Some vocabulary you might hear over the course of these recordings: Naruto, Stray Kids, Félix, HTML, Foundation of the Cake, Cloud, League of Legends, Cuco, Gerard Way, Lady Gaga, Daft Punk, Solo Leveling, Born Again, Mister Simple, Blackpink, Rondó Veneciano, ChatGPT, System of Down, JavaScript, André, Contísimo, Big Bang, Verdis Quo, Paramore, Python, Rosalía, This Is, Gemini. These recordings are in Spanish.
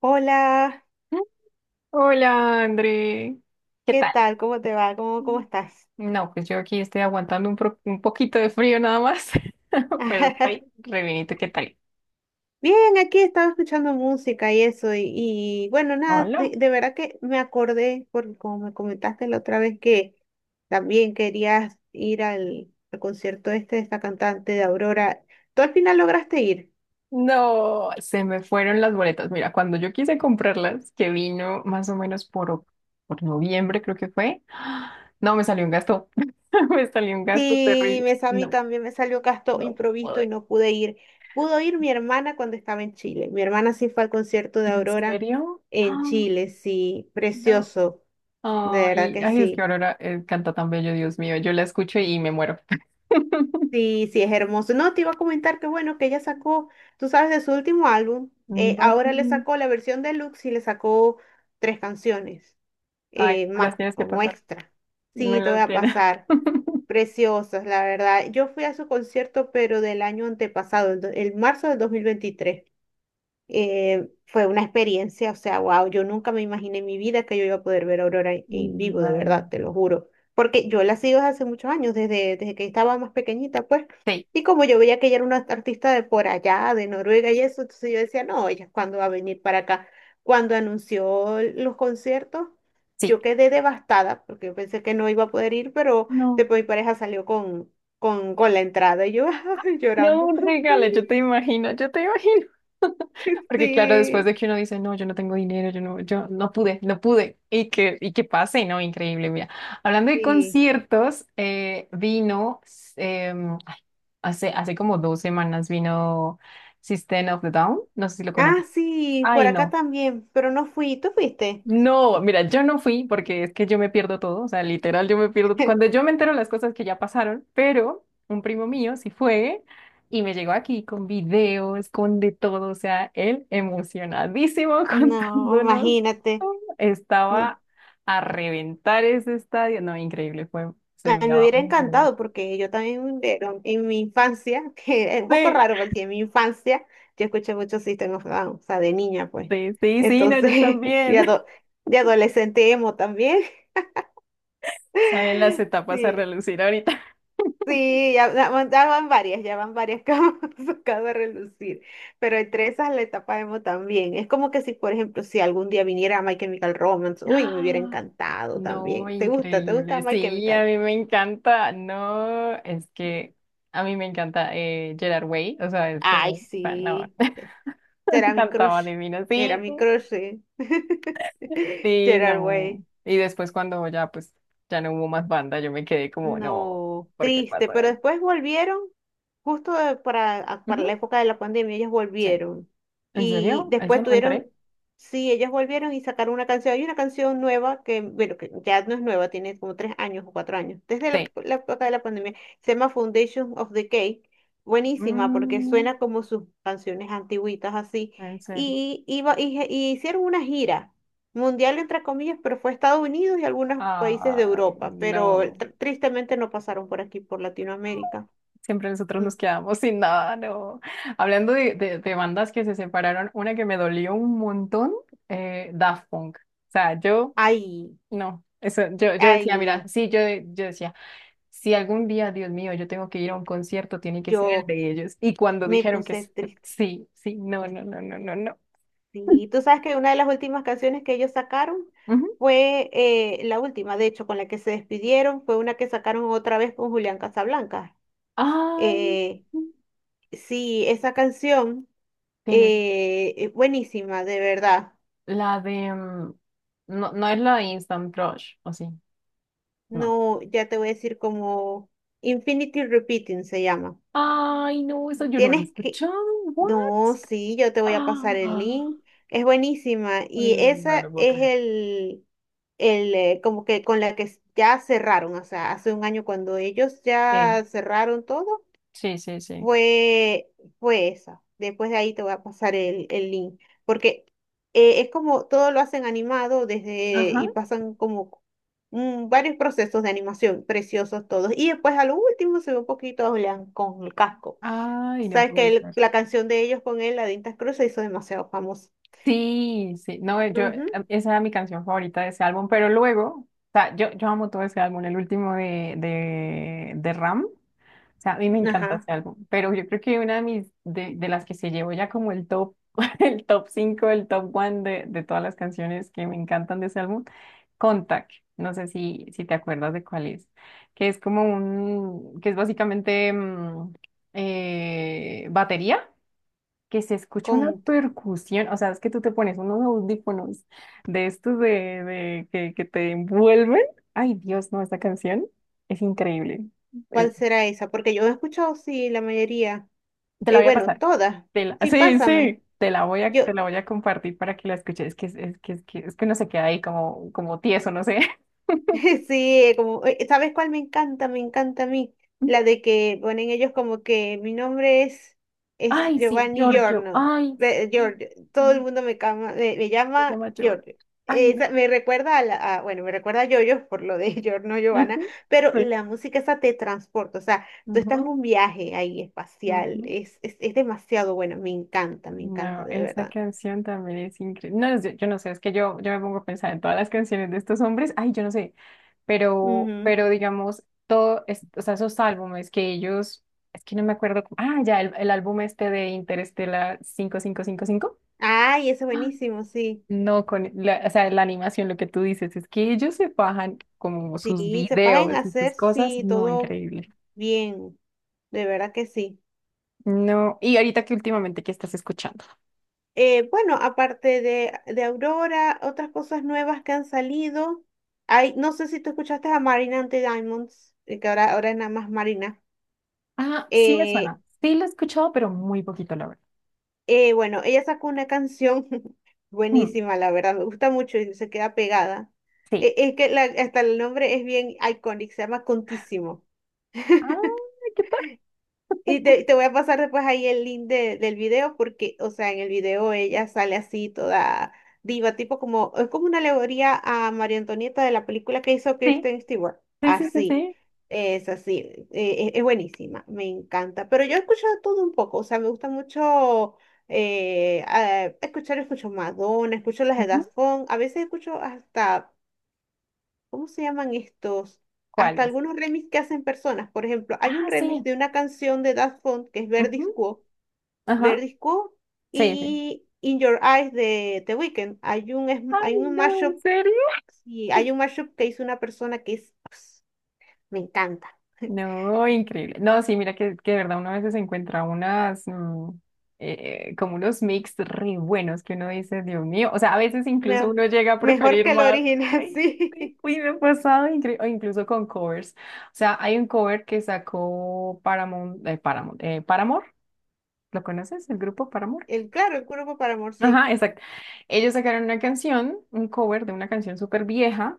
Hola, Hola, André. ¿Qué ¿qué tal? tal? ¿Cómo te va? ¿Cómo estás? No, pues yo aquí estoy aguantando un poquito de frío nada más, pero estoy re bien. ¿Y tú qué tal? Bien, aquí estaba escuchando música y eso, y bueno, nada, Hola. de verdad que me acordé, porque como me comentaste la otra vez que también querías ir al concierto este de esta cantante de Aurora, ¿tú al final lograste ir? No, se me fueron las boletas. Mira, cuando yo quise comprarlas, que vino más o menos por noviembre, creo que fue, no, me salió un gasto. Me salió un gasto Sí, terrible. A mí No, también me salió gasto no improvisto y pude. no pude ir. Pudo ir mi hermana cuando estaba en Chile. Mi hermana sí fue al concierto de ¿En Aurora serio? en Ah, Chile, sí, no. precioso. De verdad Ay, que ay, es que sí. Aurora canta tan bello, Dios mío. Yo la escucho y me muero. Sí, sí, es hermoso. No, te iba a comentar que bueno, que ella sacó, tú sabes, de su último álbum, No. ahora le sacó la versión deluxe y le sacó tres canciones Ay, las más, tienes que como pasar. extra. Me Sí, te voy las a tienes. pasar. Preciosas, la verdad. Yo fui a su concierto, pero del año antepasado, el marzo del 2023 fue una experiencia, o sea, wow, yo nunca me imaginé en mi vida que yo iba a poder ver a Aurora en vivo, de No. verdad, te lo juro. Porque yo la sigo desde hace muchos años, desde que estaba más pequeñita, pues. Sí, Y como yo veía que ella era una artista de por allá, de Noruega y eso, entonces yo decía, no, ella cuándo va a venir para acá. Cuando anunció los conciertos, sí. yo quedé devastada, porque yo pensé que no iba a poder ir, pero No. después mi pareja salió con la entrada y yo No, llorando. un regalo, yo te imagino, yo te imagino. Porque claro, después Sí, de que uno dice, no, yo no tengo dinero, yo no pude, no pude. Y que pase, ¿no? Increíble, mira. Hablando de sí. conciertos, vino, em, ay, hace, hace como dos semanas vino System of the Down, no sé si lo conoces. Ah, sí, por Ay, acá no. también, pero no fui. ¿Tú fuiste? No, mira, yo no fui porque es que yo me pierdo todo, o sea, literal, yo me pierdo. Cuando yo me entero las cosas que ya pasaron, pero un primo mío sí fue y me llegó aquí con videos, con de todo, o sea, él emocionadísimo No, contándonos imagínate. todo. No. Estaba a reventar ese estadio. No, increíble, fue, se A mí me miraba hubiera muy encantado porque yo también pero en mi infancia, que es un poco bien. raro porque en mi infancia yo escuché mucho System of Down, o sea, de niña pues. Sí, sí, sí, sí, no, yo Entonces, de, también. ado- de adolescente emo también. Salen las etapas a Sí. relucir ahorita. Sí, ya van varias que hemos sacado a relucir, pero entre esas la etapa emo también. Es como que si, por ejemplo, si algún día viniera My Chemical Romance, uy, me hubiera ¡Ah! encantado No, también. ¿Te gusta? ¿Te gusta increíble. My Sí, a Chemical? mí me encanta. No, es que a mí me encanta Gerard Way. Ay, No, sí, será mi cantaba crush, divino. era Sí, mi sí, crush, sí. sí, Gerard no. Way. Y después cuando ya, pues, ya no hubo más banda, yo me quedé como, no, No, ¿por qué triste, pasó pero eso? después volvieron, justo para, para Ujú, la época de la pandemia, ellos sí. volvieron. ¿En Y serio? ¿Eso después no me tuvieron, enteré? sí, ellos volvieron y sacaron una canción. Hay una canción nueva que, bueno, que ya no es nueva, tiene como 3 años o 4 años, desde Sí. la época de la pandemia, se llama Foundation of the Cake. Buenísima, porque Mm, suena como sus canciones antiguitas así. en serio. Y, iba, y hicieron una gira. Mundial entre comillas, pero fue Estados Unidos y algunos países de Ay, Europa, pero no. Tristemente no pasaron por aquí, por Latinoamérica. Siempre nosotros Mm. nos quedamos sin nada, no. Hablando de, de bandas que se separaron, una que me dolió un montón, Daft Punk. O sea, yo, Ay, no, eso, yo decía, mira, ay, sí, yo decía, si algún día, Dios mío, yo tengo que ir a un concierto, tiene que ser el yo de ellos. Y cuando me dijeron puse triste. sí, sí, no, no, no, no, no, no. Sí, y tú sabes que una de las últimas canciones que ellos sacaron Ujú. fue la última, de hecho, con la que se despidieron, fue una que sacaron otra vez con Julián Casablanca. Ay, Eh, sí, esa canción, tienen es buenísima, de verdad. la de, mm, no, no es la de Instant Crush, ¿o sí? No. No, ya te voy a decir como Infinity Repeating se llama. Ay, no, eso yo no lo he Tienes que... escuchado, ¿what? No, sí, yo te voy a pasar el Ah, link. Es buenísima. Y no esa lo puedo es creer. El como que con la que ya cerraron. O sea, hace un año cuando ellos Sí, ya cerraron todo. sí, sí, sí. Fue, fue esa. Después de ahí te voy a pasar el link. Porque es como todo lo hacen animado desde Ajá. y pasan como varios procesos de animación, preciosos todos. Y después a lo último se ve un poquito a Julián con el casco. Ay, no Sabes que puede ser. la canción de ellos con él, la de Intas Cruz, se hizo demasiado famosa. Sí, sí, no, Ujú. Esa era mi canción favorita de ese álbum, pero luego, o sea, yo amo todo ese álbum, el último de Ram, o sea, a mí me encanta Ajá. ese álbum, pero yo creo que una de mis, de las que se llevó ya como el top, el top 5, el top one de todas las canciones que me encantan de ese álbum, Contact, no sé si, si te acuerdas de cuál es, que es como un, que es básicamente batería que se escucha una Conta. percusión, o sea, es que tú te pones unos audífonos de estos de que te envuelven. Ay, Dios, no, esta canción es increíble. Eh, ¿Cuál será esa? Porque yo he escuchado, sí, la mayoría. te la Eh, voy a bueno, pasar. todas. Sí, Sí, pásame. sí, Yo, te la voy a compartir para que la escuches. Es que, es que, es que uno se queda ahí como, como tieso, no sé. sí, como, ¿sabes cuál me encanta? Me encanta a mí. Ujú. La de que ponen ellos como que mi nombre es Ay, sí, Giovanni Giorgio. Giorno. Ay, sí. Giorgio. Todo el mundo me Se llama llama Giorgio. Giorgio. Ay, no. Esa, me recuerda bueno, me recuerda a Yoyo por lo de Giorno Giovanna, Ujú, pero sí. la música esa te transporta. O sea, tú estás en Ujú, un viaje ahí espacial. ujú. Es demasiado bueno. Me encanta, No, de esa verdad. canción también es increíble. No, yo no sé, es que yo me pongo a pensar en todas las canciones de estos hombres. Ay, yo no sé. Ujú. Pero digamos, todo, es- o sea, esos álbumes que ellos, es que no me acuerdo cómo. Ah, ya, el álbum este de Interestela cinco, cinco cinco cinco. Ay, eso es Ah, buenísimo, sí. no, con, la, o sea, la animación, lo que tú dices, es que ellos se bajan como sus Sí, se pueden videos y sus hacer, cosas. sí, No, todo increíble. bien, de verdad que sí. No, y ahorita que últimamente, ¿qué estás escuchando? Bueno, aparte de Aurora, otras cosas nuevas que han salido. Hay, no sé si tú escuchaste a Marina Ante Diamonds, que ahora es nada más Marina. Ah, sí me Eh, suena. Sí lo he escuchado, pero muy poquito, la verdad. bueno, ella sacó una canción Mm, buenísima, la verdad, me gusta mucho y se queda pegada. sí. Es que hasta el nombre es bien icónico, se llama Contísimo. Ah, ¿qué tal? Y te voy a pasar después ahí el link del video porque, o sea, en el video ella sale así toda diva, tipo como, es como una alegoría a María Antonieta de la película que hizo Sí, Kristen Stewart. sí, sí, sí, Así, sí. es así, es buenísima, me encanta. Pero yo he escuchado todo un poco, o sea, me gusta mucho escuchar, escucho Madonna, escucho las de Ujú. Daft Punk, a veces escucho hasta ¿cómo se llaman estos? Hasta ¿Cuáles? algunos remix que hacen personas. Por ejemplo, hay un Ah, remix sí. de una canción de Daft Punk que es Verdis Ujú. Quo, Ajá. Verdis Quo Sí, sí. y In Your Eyes de The Weeknd. Ay, Hay un no, mashup, ¿en serio? sí, hay un mashup que hizo una persona que es, ps, me encanta. No, increíble. No, sí, mira que de verdad uno a veces encuentra unas, como unos mix re buenos que uno dice, Dios mío, o sea, a veces incluso Me- uno llega a mejor preferir que el más. original, Ay, sí. sí. Uy, me ha pasado increíble, o incluso con covers. O sea, hay un cover que sacó Paramount, Paramount, Paramore, ¿lo conoces? El grupo Paramore. El claro, el cuerpo para amor, sí. Ajá, exacto. Ellos sacaron una canción, un cover de una canción súper vieja,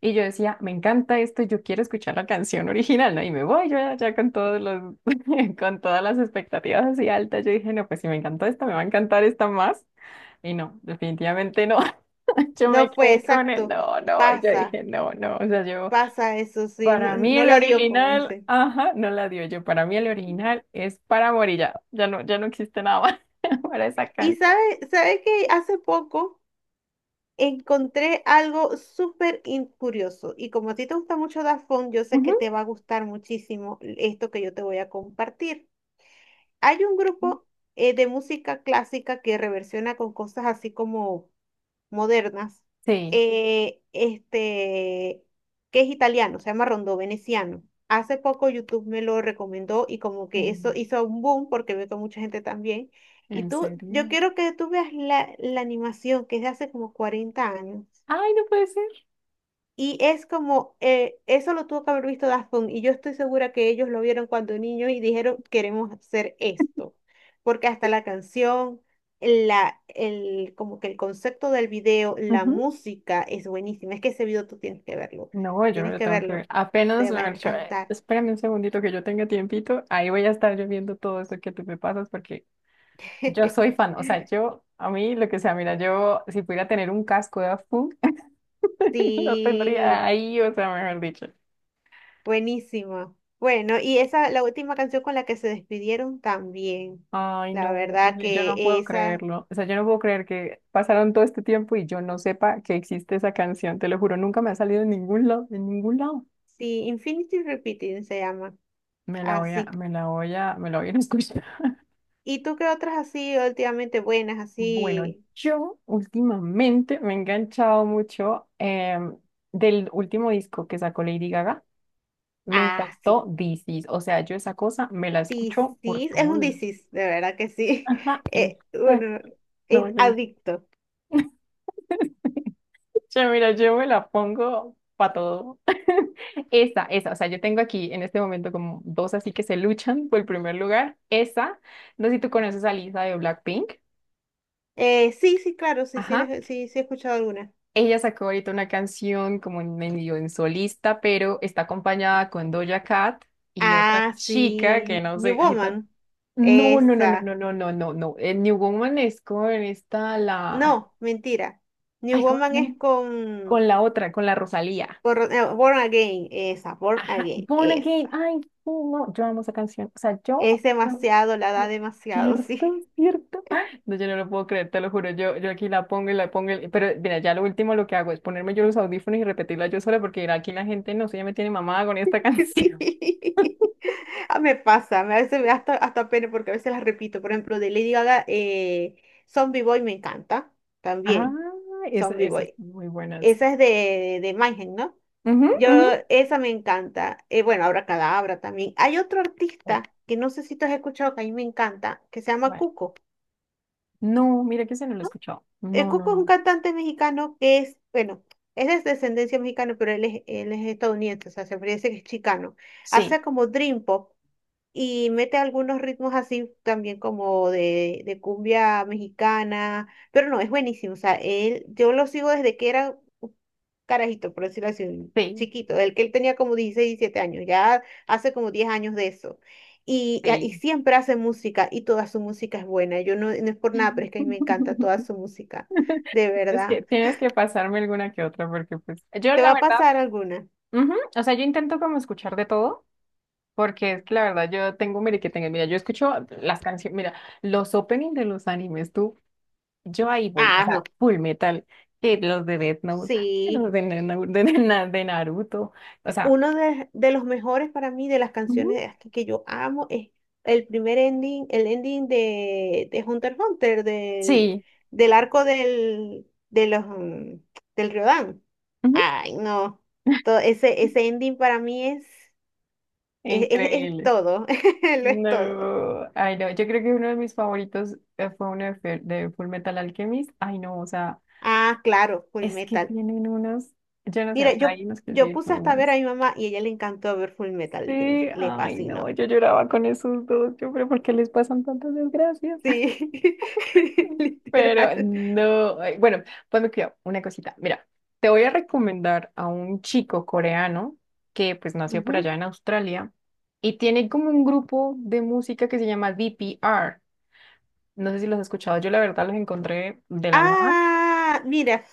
y yo decía, me encanta esto, yo quiero escuchar la canción original, ¿no? Y me voy yo ya con todos los, con todas las expectativas así altas. Yo dije, no, pues si me encantó esta, me va a encantar esta más. Y no, definitivamente no. Yo me No fue quedé con el exacto. no, no. Y yo dije, Pasa, no, no. O sea, yo, pasa eso, sí. para No, mí no el la dio, como original, dice. ajá, no la dio yo. Para mí el original es para morir ya. Ya no, ya no existe nada más para esa Y canción. sabe que hace poco. Encontré algo súper curioso y como a ti te gusta mucho Daft Punk, yo sé que Ujú. te va a gustar muchísimo esto que yo te voy a compartir. Hay un grupo de música clásica que reversiona con cosas así como modernas, Sí. eh, este, que es italiano, se llama Rondó Veneciano. Hace poco YouTube me lo recomendó y como Sí, que eso hizo un boom porque veo que mucha gente también. Y ¿en tú, yo serio? quiero que tú veas la animación que es de hace como 40 años. Ay, no puede ser. Y es como, eso lo tuvo que haber visto Daft Punk, y yo estoy segura que ellos lo vieron cuando niños y dijeron, queremos hacer esto, porque hasta la canción, como que el concepto del video, la Ujú. música es buenísima, es que ese video tú No, yo me tienes lo que tengo que ver. verlo, Apenas te me va a han dicho, encantar. espérame un segundito que yo tenga tiempito, ahí voy a estar yo viendo todo eso que tú me pasas porque yo soy fan. O sea, yo, a mí, lo que sea, mira, yo si pudiera tener un casco de Daft Punk, lo tendría Sí, ahí, o sea, mejor dicho. buenísima. Bueno, y esa, la última canción con la que se despidieron también, Ay, la no, verdad y yo no que puedo esa, creerlo. O sea, yo no puedo creer que pasaron todo este tiempo y yo no sepa que existe esa canción, te lo juro, nunca me ha salido en ningún lado, en ningún lado. sí, Infinity Repeating se llama. Así. Me la voy a ir a escuchar. ¿Y tú qué otras así últimamente buenas, Bueno, así? yo últimamente me he enganchado mucho del último disco que sacó Lady Gaga. Me Ah, sí. encantó This Is. O sea, yo esa cosa me la escucho por Disis. Es todo un lado. disis, de verdad que sí. Ajá, uno, exacto. No, yo no- adicto. che, mira, yo me la pongo para todo. Esa, esa. O sea, yo tengo aquí en este momento como dos así que se luchan por el primer lugar. Esa. No sé si tú conoces a Lisa de Blackpink. Sí, sí, claro, sí, sí, Ajá. Sí, sí he escuchado alguna. Ella sacó ahorita una canción como en medio en solista, pero está acompañada con Doja Cat y otra Ah, chica que sí. no New sé, ahí está. Woman. No, no, no, no, Esa. no, no, no, no, no. New Woman es con esta, la... No, mentira. New Ay, ¿cómo se Woman llama? es Con con, la otra, con la Rosalía. Born Again. Esa, Born Ajá, Again. Born Again. Esa. Ay, sí, no, yo amo esa canción. O sea, yo. Es No, demasiado, la da no. demasiado, Cierto, sí. cierto. Ah, no, yo no lo puedo creer, te lo juro. Yo aquí la pongo y la pongo. Pero mira, ya lo último lo que hago es ponerme yo los audífonos y repetirla yo sola porque mira, aquí la gente no sé, ya me tiene mamada con esta Sí. canción. Ah, me pasa, a veces me da hasta, pena porque a veces las repito. Por ejemplo, de Lady Gaga, Zombie Boy me encanta Ah, también. esa- Zombie esas Boy. son muy buenas. Esa es de Mayhem, ¿no? Ujú, Yo, ujú. esa me encanta. Bueno, ahora Cadabra también. Hay otro Sí, artista que no sé si tú has escuchado, que a mí me encanta, que se llama bueno. Cuco. No, mira que se no lo he escuchado. El No, no, Cuco es un no. cantante mexicano que es, bueno, es de descendencia mexicana, pero él es estadounidense, o sea, se parece que es chicano. Sí, Hace como Dream Pop. Y mete algunos ritmos así también como de cumbia mexicana, pero no, es buenísimo, o sea, él, yo lo sigo desde que era un carajito, por decirlo así, un sí, chiquito, el que él tenía como 16 17 años, ya hace como 10 años de eso. Y sí. siempre hace música y toda su música es buena. Yo no, no es por nada, pero es que a mí me encanta toda su música, de verdad. tienes que pasarme alguna que otra porque pues yo ¿Te va la a verdad pasar alguna? ujú. O sea, yo intento como escuchar de todo, porque es que la verdad yo tengo, mire que tengo, mira, yo escucho las canciones, mira, los openings de los animes, tú, yo ahí voy, o Ah, sea, no. Full Metal, que los de Death Note, que Sí. los de Naruto, o sea, Uno de los mejores para mí de las canciones ujú, de Aska que yo amo es el primer ending, el ending de Hunter x Hunter, sí, del arco del, de los, mm, del Riodán. ujú, Ay, no. Ese ending para mí es increíble. todo. Lo es todo. No, ay no, yo creo que uno de mis favoritos fue uno de, de Full Metal Alchemist, ay no, o sea, Ah, claro, Full es que Metal. tienen unos, yo no sé, Mira, o sea, hay unos que yo sí puse son muy hasta a ver a buenos. mi mamá y a ella le encantó ver Full Metal, que Sí, le ay no, fascinó. yo lloraba con esos dos, yo, pero ¿por qué les pasan tantas desgracias? Sí, Pero literal. no, ay, bueno, pues me cuidado, una cosita. Mira, te voy a recomendar a un chico coreano que pues nació por Ujú. allá en Australia y tiene como un grupo de música que se llama DPR. No sé si los has escuchado, yo la verdad los encontré de la nada. Ah, mira,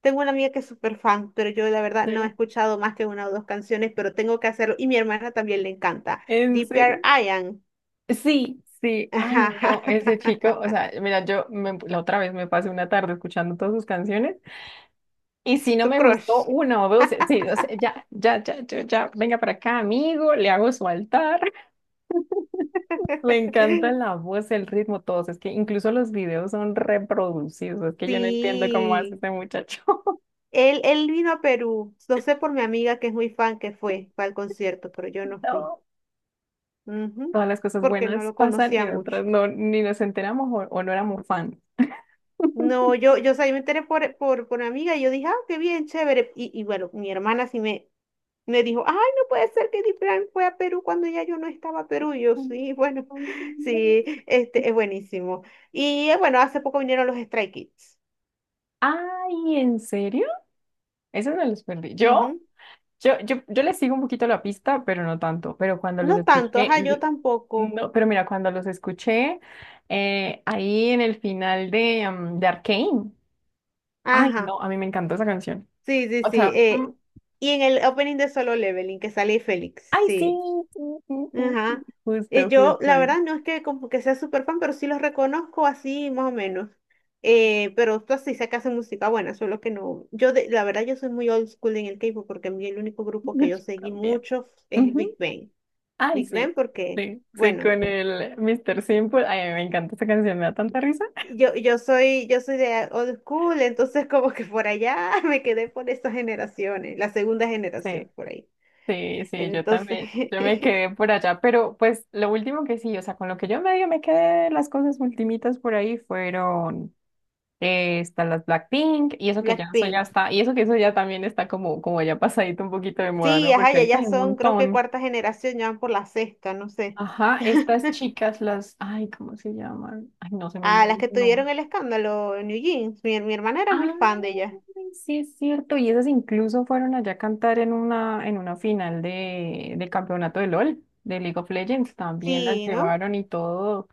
tengo una amiga que es súper fan, pero yo la ¿En verdad no he serio? escuchado más que una o dos canciones, pero tengo que hacerlo. Y mi hermana también le encanta. ¿En Deeper serio? Ian. Sí, sí, ay no, ese chico, o sea, mira, la otra vez me pasé una tarde escuchando todas sus canciones. Y si no Tu me gustó crush. uno, o dos, sí, o sea, ya, ya, ya, ya, ya, venga para acá, amigo, le hago su altar. Me encanta la voz, el ritmo, todos. Es que incluso los videos son reproducidos. Es que yo no entiendo cómo hace Sí. este muchacho. Él vino a Perú. Lo sé por mi amiga que es muy fan que fue al concierto, pero yo no fui. No. Ujú. Todas las cosas Porque no buenas lo pasan y conocía mucho. otras no, ni nos enteramos o no éramos fan. No, o sea, yo me enteré por mi amiga y yo dije, ah, qué bien, chévere. Y bueno, mi hermana sí me dijo, ay, no puede ser que Diplan fue a Perú cuando ya yo no estaba a Perú. Y yo, sí, bueno, sí, es buenísimo. Y bueno, hace poco vinieron los Stray Kids. Ay, ¿en serio? Eso no los perdí. Ujú. Yo les sigo un poquito la pista, pero no tanto. Pero cuando los No tanto, escuché, ajá, yo tampoco. no, pero mira, cuando los escuché, ahí en el final de, de Arcane, ay, Ajá, no, a mí me encantó esa canción. sí, sí, O sí. sea, sí. Mm, Y en el opening de Solo Leveling, que sale Félix, ay, sí, sí. sí, sí, sí, sí, Ajá. Y justo, yo, justo, la ay, verdad, no es que como que sea súper fan, pero sí los reconozco así, más o menos. Pero tú sí sé que hacen música buena, solo que no. Yo, la verdad, yo soy muy old school en el K-pop porque a mí el único grupo que yo yo seguí también. mucho es Ujú, Big Bang. ay, Big sí, Bang porque, sí, sí, bueno, con pues, el Mister Simple, ay, a mí me encanta esa canción, me da tanta risa. yo soy de old school, entonces como que por allá me quedé por estas generaciones, la segunda generación Sí, por ahí. sí, sí, yo Entonces, también, yo me quedé por allá, pero pues lo último que sí, o sea, con lo que yo medio me quedé, las cosas ultimitas por ahí fueron, están las Blackpink, y eso que ya, eso ya Blackpink. está, y eso que eso ya también está como, como ya pasadito un poquito de moda, ¿no? Sí, ajá, Porque ya, ahorita ya hay un son, creo que montón. cuarta generación, ya van por la sexta, no sé. Ajá, estas chicas, las, ay, ¿cómo se llaman? Ay, no, se me Ah, olvidó las que el nombre. tuvieron el escándalo en New Jeans. Mi hermana era muy fan de Ah, ella. sí es cierto, y esas incluso fueron allá a cantar en una final de, del campeonato de LOL, de League of Legends, también las Sí, ¿no? llevaron y todo,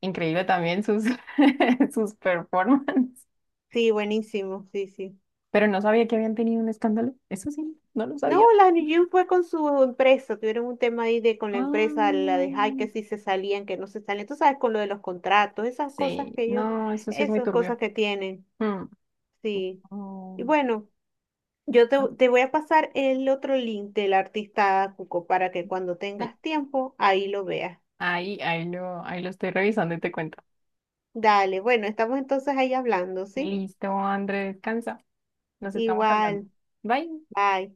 increíble también sus, sus performances, Sí, buenísimo, sí, sí. pero no sabía que habían tenido un escándalo, eso sí, no lo No, sabía. la New Jeans fue con su empresa, tuvieron un tema ahí de con la empresa, la de Ah, High, que sí se salían, que no se salían. Tú sabes, con lo de los contratos, esas cosas sí, que ellos, no, eso sí es muy esas turbio. cosas que tienen. Mm. Sí. Y Oh, bueno, yo te, ah, te voy a pasar el otro link del artista Cuco para que cuando sí. tengas tiempo, ahí lo veas. Ahí lo estoy revisando y te cuento. Dale, bueno, estamos entonces ahí hablando, ¿sí? Listo, André, descansa. Nos estamos hablando. Igual, Bye. bye.